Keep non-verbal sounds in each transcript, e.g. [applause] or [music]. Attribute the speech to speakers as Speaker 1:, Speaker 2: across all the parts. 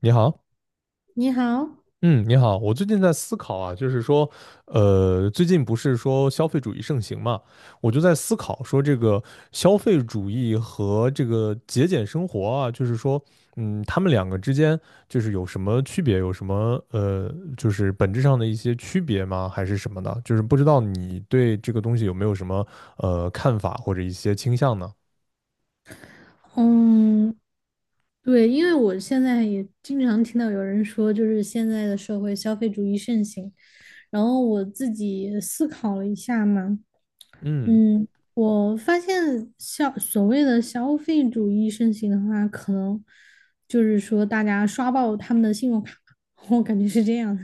Speaker 1: 你好，
Speaker 2: 你好。
Speaker 1: 嗯，你好。我最近在思考啊，就是说，呃，最近不是说消费主义盛行嘛，我就在思考说，这个消费主义和这个节俭生活啊，就是说，他们两个之间就是有什么区别，有什么就是本质上的一些区别吗？还是什么的？就是不知道你对这个东西有没有什么看法或者一些倾向呢？
Speaker 2: 嗯，对，因为我现在也经常听到有人说，就是现在的社会消费主义盛行，然后我自己思考了一下嘛。
Speaker 1: 嗯
Speaker 2: 嗯，我发现所谓的消费主义盛行的话，可能就是说大家刷爆他们的信用卡，[laughs] 我感觉是这样的。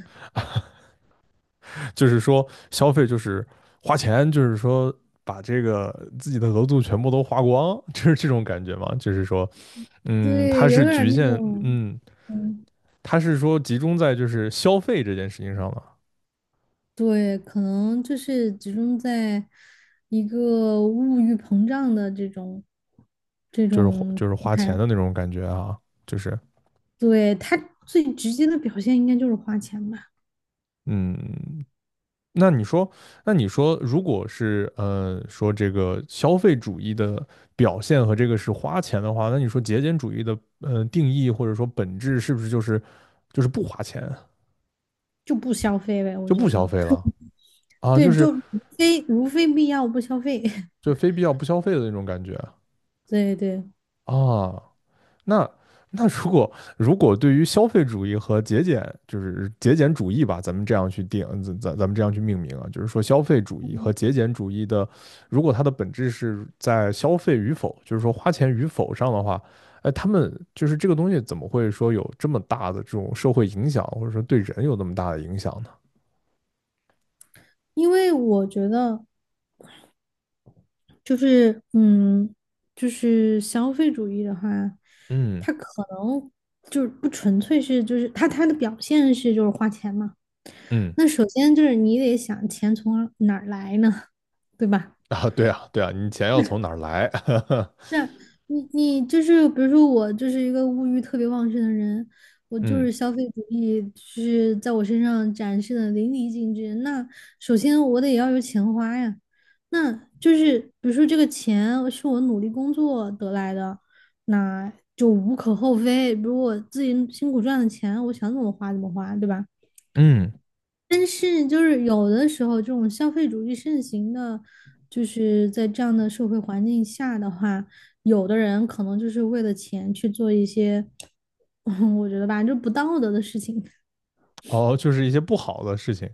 Speaker 1: 就是说消费就是花钱，就是说把这个自己的额度全部都花光，[laughs] 就是这种感觉嘛。就是说，它
Speaker 2: 对，有
Speaker 1: 是
Speaker 2: 点儿
Speaker 1: 局
Speaker 2: 那
Speaker 1: 限，
Speaker 2: 种。嗯，
Speaker 1: 它是说集中在就是消费这件事情上了，
Speaker 2: 对，可能就是集中在一个物欲膨胀的这种这
Speaker 1: 就是
Speaker 2: 种状
Speaker 1: 花钱
Speaker 2: 态。
Speaker 1: 的那种感觉啊，就是
Speaker 2: 对，他最直接的表现应该就是花钱吧。
Speaker 1: 嗯。那你说，那你说，如果是说这个消费主义的表现和这个是花钱的话，那你说节俭主义的定义或者说本质是不是就是不花钱？
Speaker 2: 就不消费呗，我
Speaker 1: 就不
Speaker 2: 觉得。
Speaker 1: 消费了啊，就
Speaker 2: 对，
Speaker 1: 是
Speaker 2: 就如非如非必要不消费。[laughs]
Speaker 1: 就非必要不消费的那种感觉
Speaker 2: 对对，
Speaker 1: 啊。那那如果对于消费主义和节俭，就是节俭主义吧，咱们这样去定，咱们这样去命名啊，就是说消费主义和节俭主义的，如果它的本质是在消费与否，就是说花钱与否上的话，哎，他们就是这个东西怎么会说有这么大的这种社会影响，或者说对人有那么大的影响呢？
Speaker 2: 因为我觉得就是嗯，就是消费主义的话，
Speaker 1: 嗯
Speaker 2: 它可能就是不纯粹是就是它的表现是就是花钱嘛。
Speaker 1: 嗯
Speaker 2: 那首先就是你得想钱从哪儿来呢，[laughs] 对吧？
Speaker 1: 啊。对啊对啊，你钱要从哪儿来？
Speaker 2: 那你就是比如说我就是一个物欲特别旺盛的人，我
Speaker 1: [laughs]
Speaker 2: 就
Speaker 1: 嗯
Speaker 2: 是消费主义就是在我身上展示的淋漓尽致。那首先我得要有钱花呀。那就是比如说这个钱是我努力工作得来的，那就无可厚非。比如我自己辛苦赚的钱，我想怎么花怎么花，对吧？
Speaker 1: 嗯。
Speaker 2: 但是就是有的时候，这种消费主义盛行的，就是在这样的社会环境下的话，有的人可能就是为了钱去做一些，[laughs] 我觉得吧，就不道德的事情。
Speaker 1: 哦，就是一些不好的事情。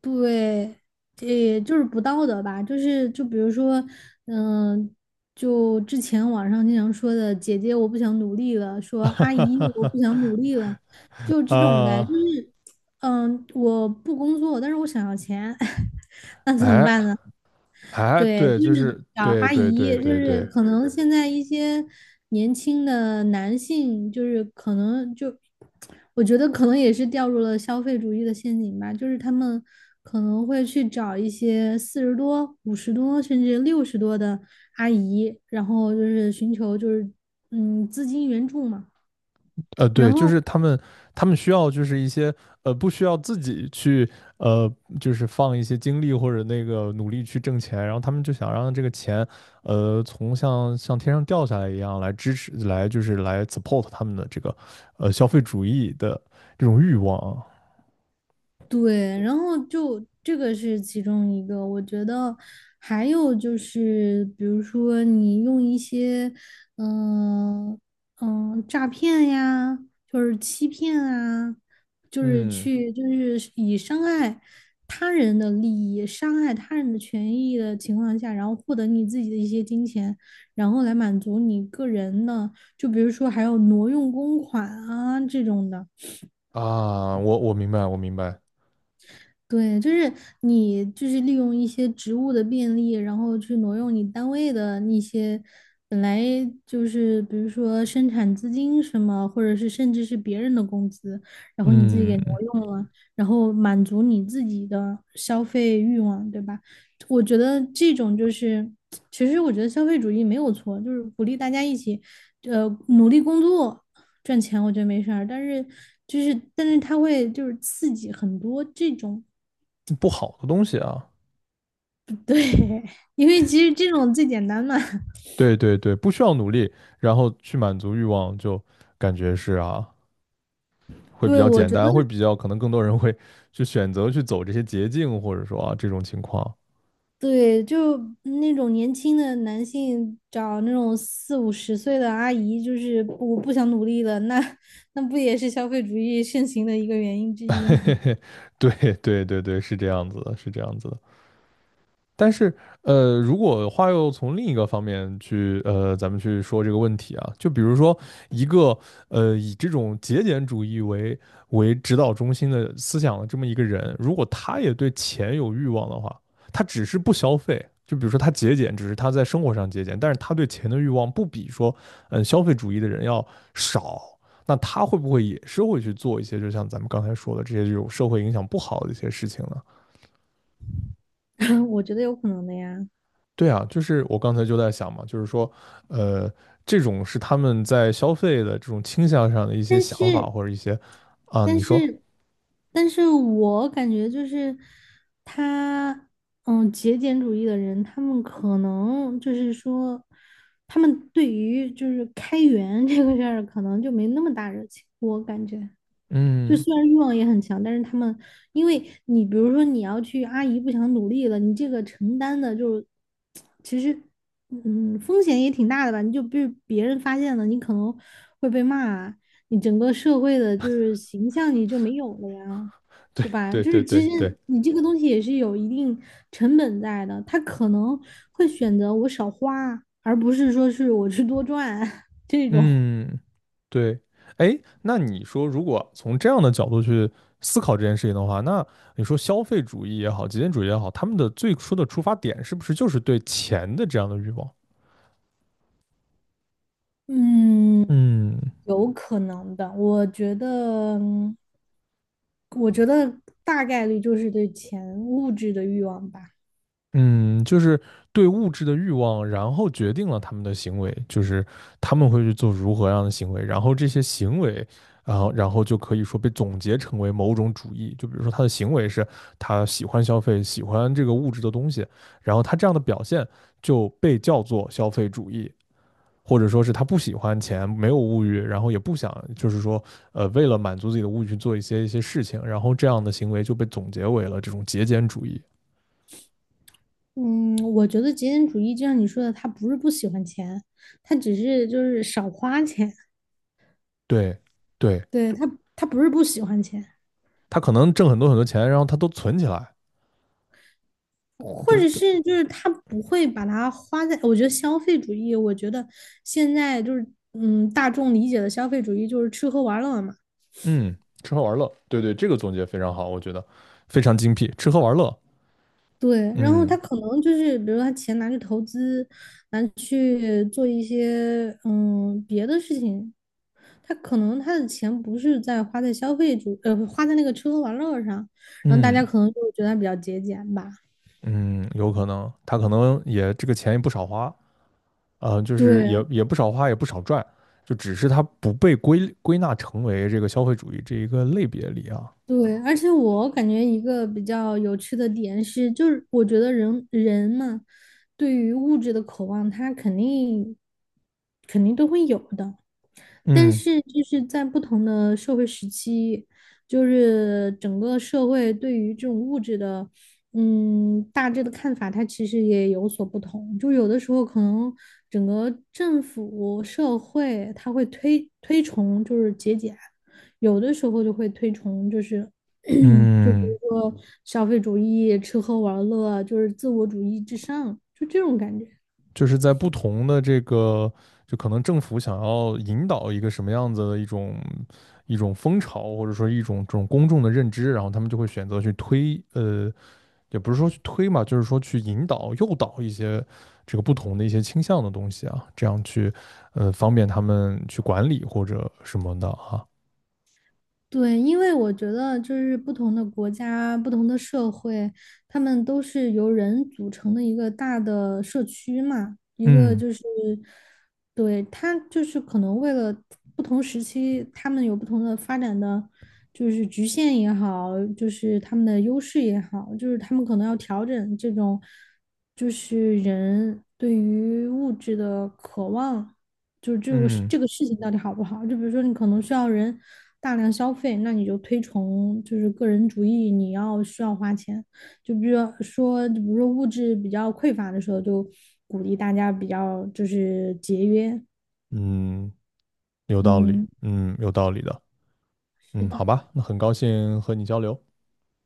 Speaker 2: 对，也就是不道德吧，就是就比如说，嗯、就之前网上经常说的"姐姐我不想努力了"，
Speaker 1: [laughs]
Speaker 2: 说
Speaker 1: 哈
Speaker 2: “阿
Speaker 1: 哈
Speaker 2: 姨
Speaker 1: 哈
Speaker 2: 我
Speaker 1: 哈。
Speaker 2: 不想努力了"，就这种呗。
Speaker 1: 啊，
Speaker 2: 就是我不工作，但是我想要钱，[laughs] 那怎么
Speaker 1: 哎
Speaker 2: 办呢？
Speaker 1: 哎，
Speaker 2: 对，
Speaker 1: 对，
Speaker 2: 就是
Speaker 1: 就是
Speaker 2: 找
Speaker 1: 对
Speaker 2: 阿
Speaker 1: 对
Speaker 2: 姨，
Speaker 1: 对
Speaker 2: 对就
Speaker 1: 对
Speaker 2: 对是
Speaker 1: 对。
Speaker 2: 对可对能对现在一些年轻的男性，就是可能就，我觉得可能也是掉入了消费主义的陷阱吧，就是他们可能会去找一些四十多、五十多，甚至六十多的阿姨，然后就是寻求就是资金援助嘛，然
Speaker 1: 对，就是
Speaker 2: 后。
Speaker 1: 他们需要就是一些不需要自己去呃就是放一些精力或者那个努力去挣钱，然后他们就想让这个钱从像天上掉下来一样来支持来就是来 support 他们的这个消费主义的这种欲望啊。
Speaker 2: 对，然后就这个是其中一个，我觉得还有就是，比如说你用一些，嗯、诈骗呀，就是欺骗啊，就是
Speaker 1: 嗯
Speaker 2: 去就是以伤害他人的利益、伤害他人的权益的情况下，然后获得你自己的一些金钱，然后来满足你个人的，就比如说还有挪用公款啊这种的。
Speaker 1: 啊，我明白我明白。
Speaker 2: 对，就是你就是利用一些职务的便利，然后去挪用你单位的那些本来就是比如说生产资金什么，或者是甚至是别人的工资，然后你自己
Speaker 1: 嗯，
Speaker 2: 给挪用了，然后满足你自己的消费欲望，对吧？我觉得这种就是，其实我觉得消费主义没有错，就是鼓励大家一起，努力工作。赚钱我觉得没事儿，但是但是它会就是刺激很多这种
Speaker 1: 不好的东西啊。
Speaker 2: [laughs] 对，因为其实这种最简单嘛。
Speaker 1: 对对对，不需要努力，然后去满足欲望，就感觉是啊，会比
Speaker 2: 对，
Speaker 1: 较
Speaker 2: 我
Speaker 1: 简
Speaker 2: 觉得
Speaker 1: 单，会比较可能更多人会去选择去走这些捷径，或者说啊这种情况。
Speaker 2: 对，就那种年轻的男性找那种四五十岁的阿姨，就是我不想努力了，那那不也是消费主义盛行的一个原因之一吗？
Speaker 1: [laughs] 对对对对，是这样子的，是这样子的。但是，如果话又从另一个方面去，咱们去说这个问题啊，就比如说一个，以这种节俭主义为指导中心的思想的这么一个人，如果他也对钱有欲望的话，他只是不消费，就比如说他节俭，只是他在生活上节俭，但是他对钱的欲望不比说，消费主义的人要少，那他会不会也是会去做一些，就像咱们刚才说的这些这种社会影响不好的一些事情呢？
Speaker 2: [laughs] 我觉得有可能的呀。
Speaker 1: 对啊，就是我刚才就在想嘛，就是说，呃，这种是他们在消费的这种倾向上的一些
Speaker 2: 但
Speaker 1: 想法
Speaker 2: 是
Speaker 1: 或者一些，啊，
Speaker 2: 但
Speaker 1: 你说。
Speaker 2: 是，但是我感觉就是他，嗯，节俭主义的人，他们可能就是说，他们对于就是开源 [laughs] 这个事儿，可能就没那么大热情，我感觉。就
Speaker 1: 嗯，
Speaker 2: 虽然欲望也很强，但是他们，因为你比如说你要去阿姨不想努力了，你这个承担的就是其实，嗯，风险也挺大的吧？你就被别人发现了，你可能会被骂，你整个社会的就是形象你就没有了呀，
Speaker 1: 对
Speaker 2: 对吧？
Speaker 1: 对
Speaker 2: 就
Speaker 1: 对
Speaker 2: 是其
Speaker 1: 对
Speaker 2: 实
Speaker 1: 对。
Speaker 2: 你这个东西也是有一定成本在的，他可能会选择我少花，而不是说是我去多赚 [laughs] 这种。
Speaker 1: 嗯，对。哎，那你说，如果从这样的角度去思考这件事情的话，那你说消费主义也好，极简主义也好，他们的最初的出发点是不是就是对钱的这样的欲望？
Speaker 2: 嗯，
Speaker 1: 嗯
Speaker 2: 有可能的。我觉得，我觉得大概率就是对钱物质的欲望吧。
Speaker 1: 嗯，就是对物质的欲望，然后决定了他们的行为，就是他们会去做如何样的行为，然后这些行为，然后就可以说被总结成为某种主义。就比如说他的行为是他喜欢消费，喜欢这个物质的东西，然后他这样的表现就被叫做消费主义，或者说是他不喜欢钱，没有物欲，然后也不想就是说为了满足自己的物欲去做一些事情，然后这样的行为就被总结为了这种节俭主义。
Speaker 2: 嗯，我觉得极简主义就像你说的，他不是不喜欢钱，他只是就是少花钱。
Speaker 1: 对，对。
Speaker 2: 对，他，他不是不喜欢钱，
Speaker 1: 他可能挣很多很多钱，然后他都存起来，
Speaker 2: 或
Speaker 1: 就是
Speaker 2: 者
Speaker 1: 他
Speaker 2: 是就是他不会把它花在。我觉得消费主义，我觉得现在就是嗯，大众理解的消费主义就是吃喝玩乐嘛。
Speaker 1: 嗯，吃喝玩乐，对对，这个总结非常好，我觉得非常精辟，吃喝玩乐。
Speaker 2: 对，然后他
Speaker 1: 嗯
Speaker 2: 可能就是，比如他钱拿去投资，拿去做一些别的事情，他可能他的钱不是在花在消费主，花在那个吃喝玩乐上，然后大
Speaker 1: 嗯
Speaker 2: 家可能就觉得他比较节俭吧。
Speaker 1: 嗯，有可能他可能也这个钱也不少花，就是
Speaker 2: 对
Speaker 1: 也
Speaker 2: 嗯
Speaker 1: 也不少花，也不少赚，就只是他不被归纳成为这个消费主义这一个类别里啊。
Speaker 2: 对，而且我感觉一个比较有趣的点是，就是我觉得人人嘛，对于物质的渴望，他肯定都会有的。但
Speaker 1: 嗯
Speaker 2: 是就是在不同的社会时期，就是整个社会对于这种物质的，嗯，大致的看法，它其实也有所不同。就有的时候可能整个政府社会它会推崇就是节俭，有的时候就会推崇就是 [clears throat] 就比
Speaker 1: 嗯。
Speaker 2: 如说消费主义、吃喝玩乐，就是自我主义至上，就这种感觉。
Speaker 1: 就是在不同的这个，就可能政府想要引导一个什么样子的一种风潮，或者说一种这种公众的认知，然后他们就会选择去推，也不是说去推嘛，就是说去引导、诱导一些这个不同的一些倾向的东西啊，这样去，方便他们去管理或者什么的啊。
Speaker 2: 对，因为我觉得就是不同的国家、不同的社会，他们都是由人组成的一个大的社区嘛，一个
Speaker 1: 嗯
Speaker 2: 就是，对，他就是可能为了不同时期，他们有不同的发展的，就是局限也好，就是他们的优势也好，就是他们可能要调整这种，就是人对于物质的渴望。就是这个
Speaker 1: 嗯
Speaker 2: 这个事情到底好不好？就比如说你可能需要人大量消费，那你就推崇就是个人主义，你要需要花钱。就比如说，比如说物质比较匮乏的时候，就鼓励大家比较就是节约。
Speaker 1: 嗯，有道理，
Speaker 2: 嗯，
Speaker 1: 嗯，有道理的。
Speaker 2: 是
Speaker 1: 嗯，
Speaker 2: 的，
Speaker 1: 好吧，那很高兴和你交流。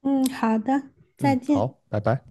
Speaker 2: 嗯，好的，再
Speaker 1: 嗯，
Speaker 2: 见。
Speaker 1: 好，拜拜。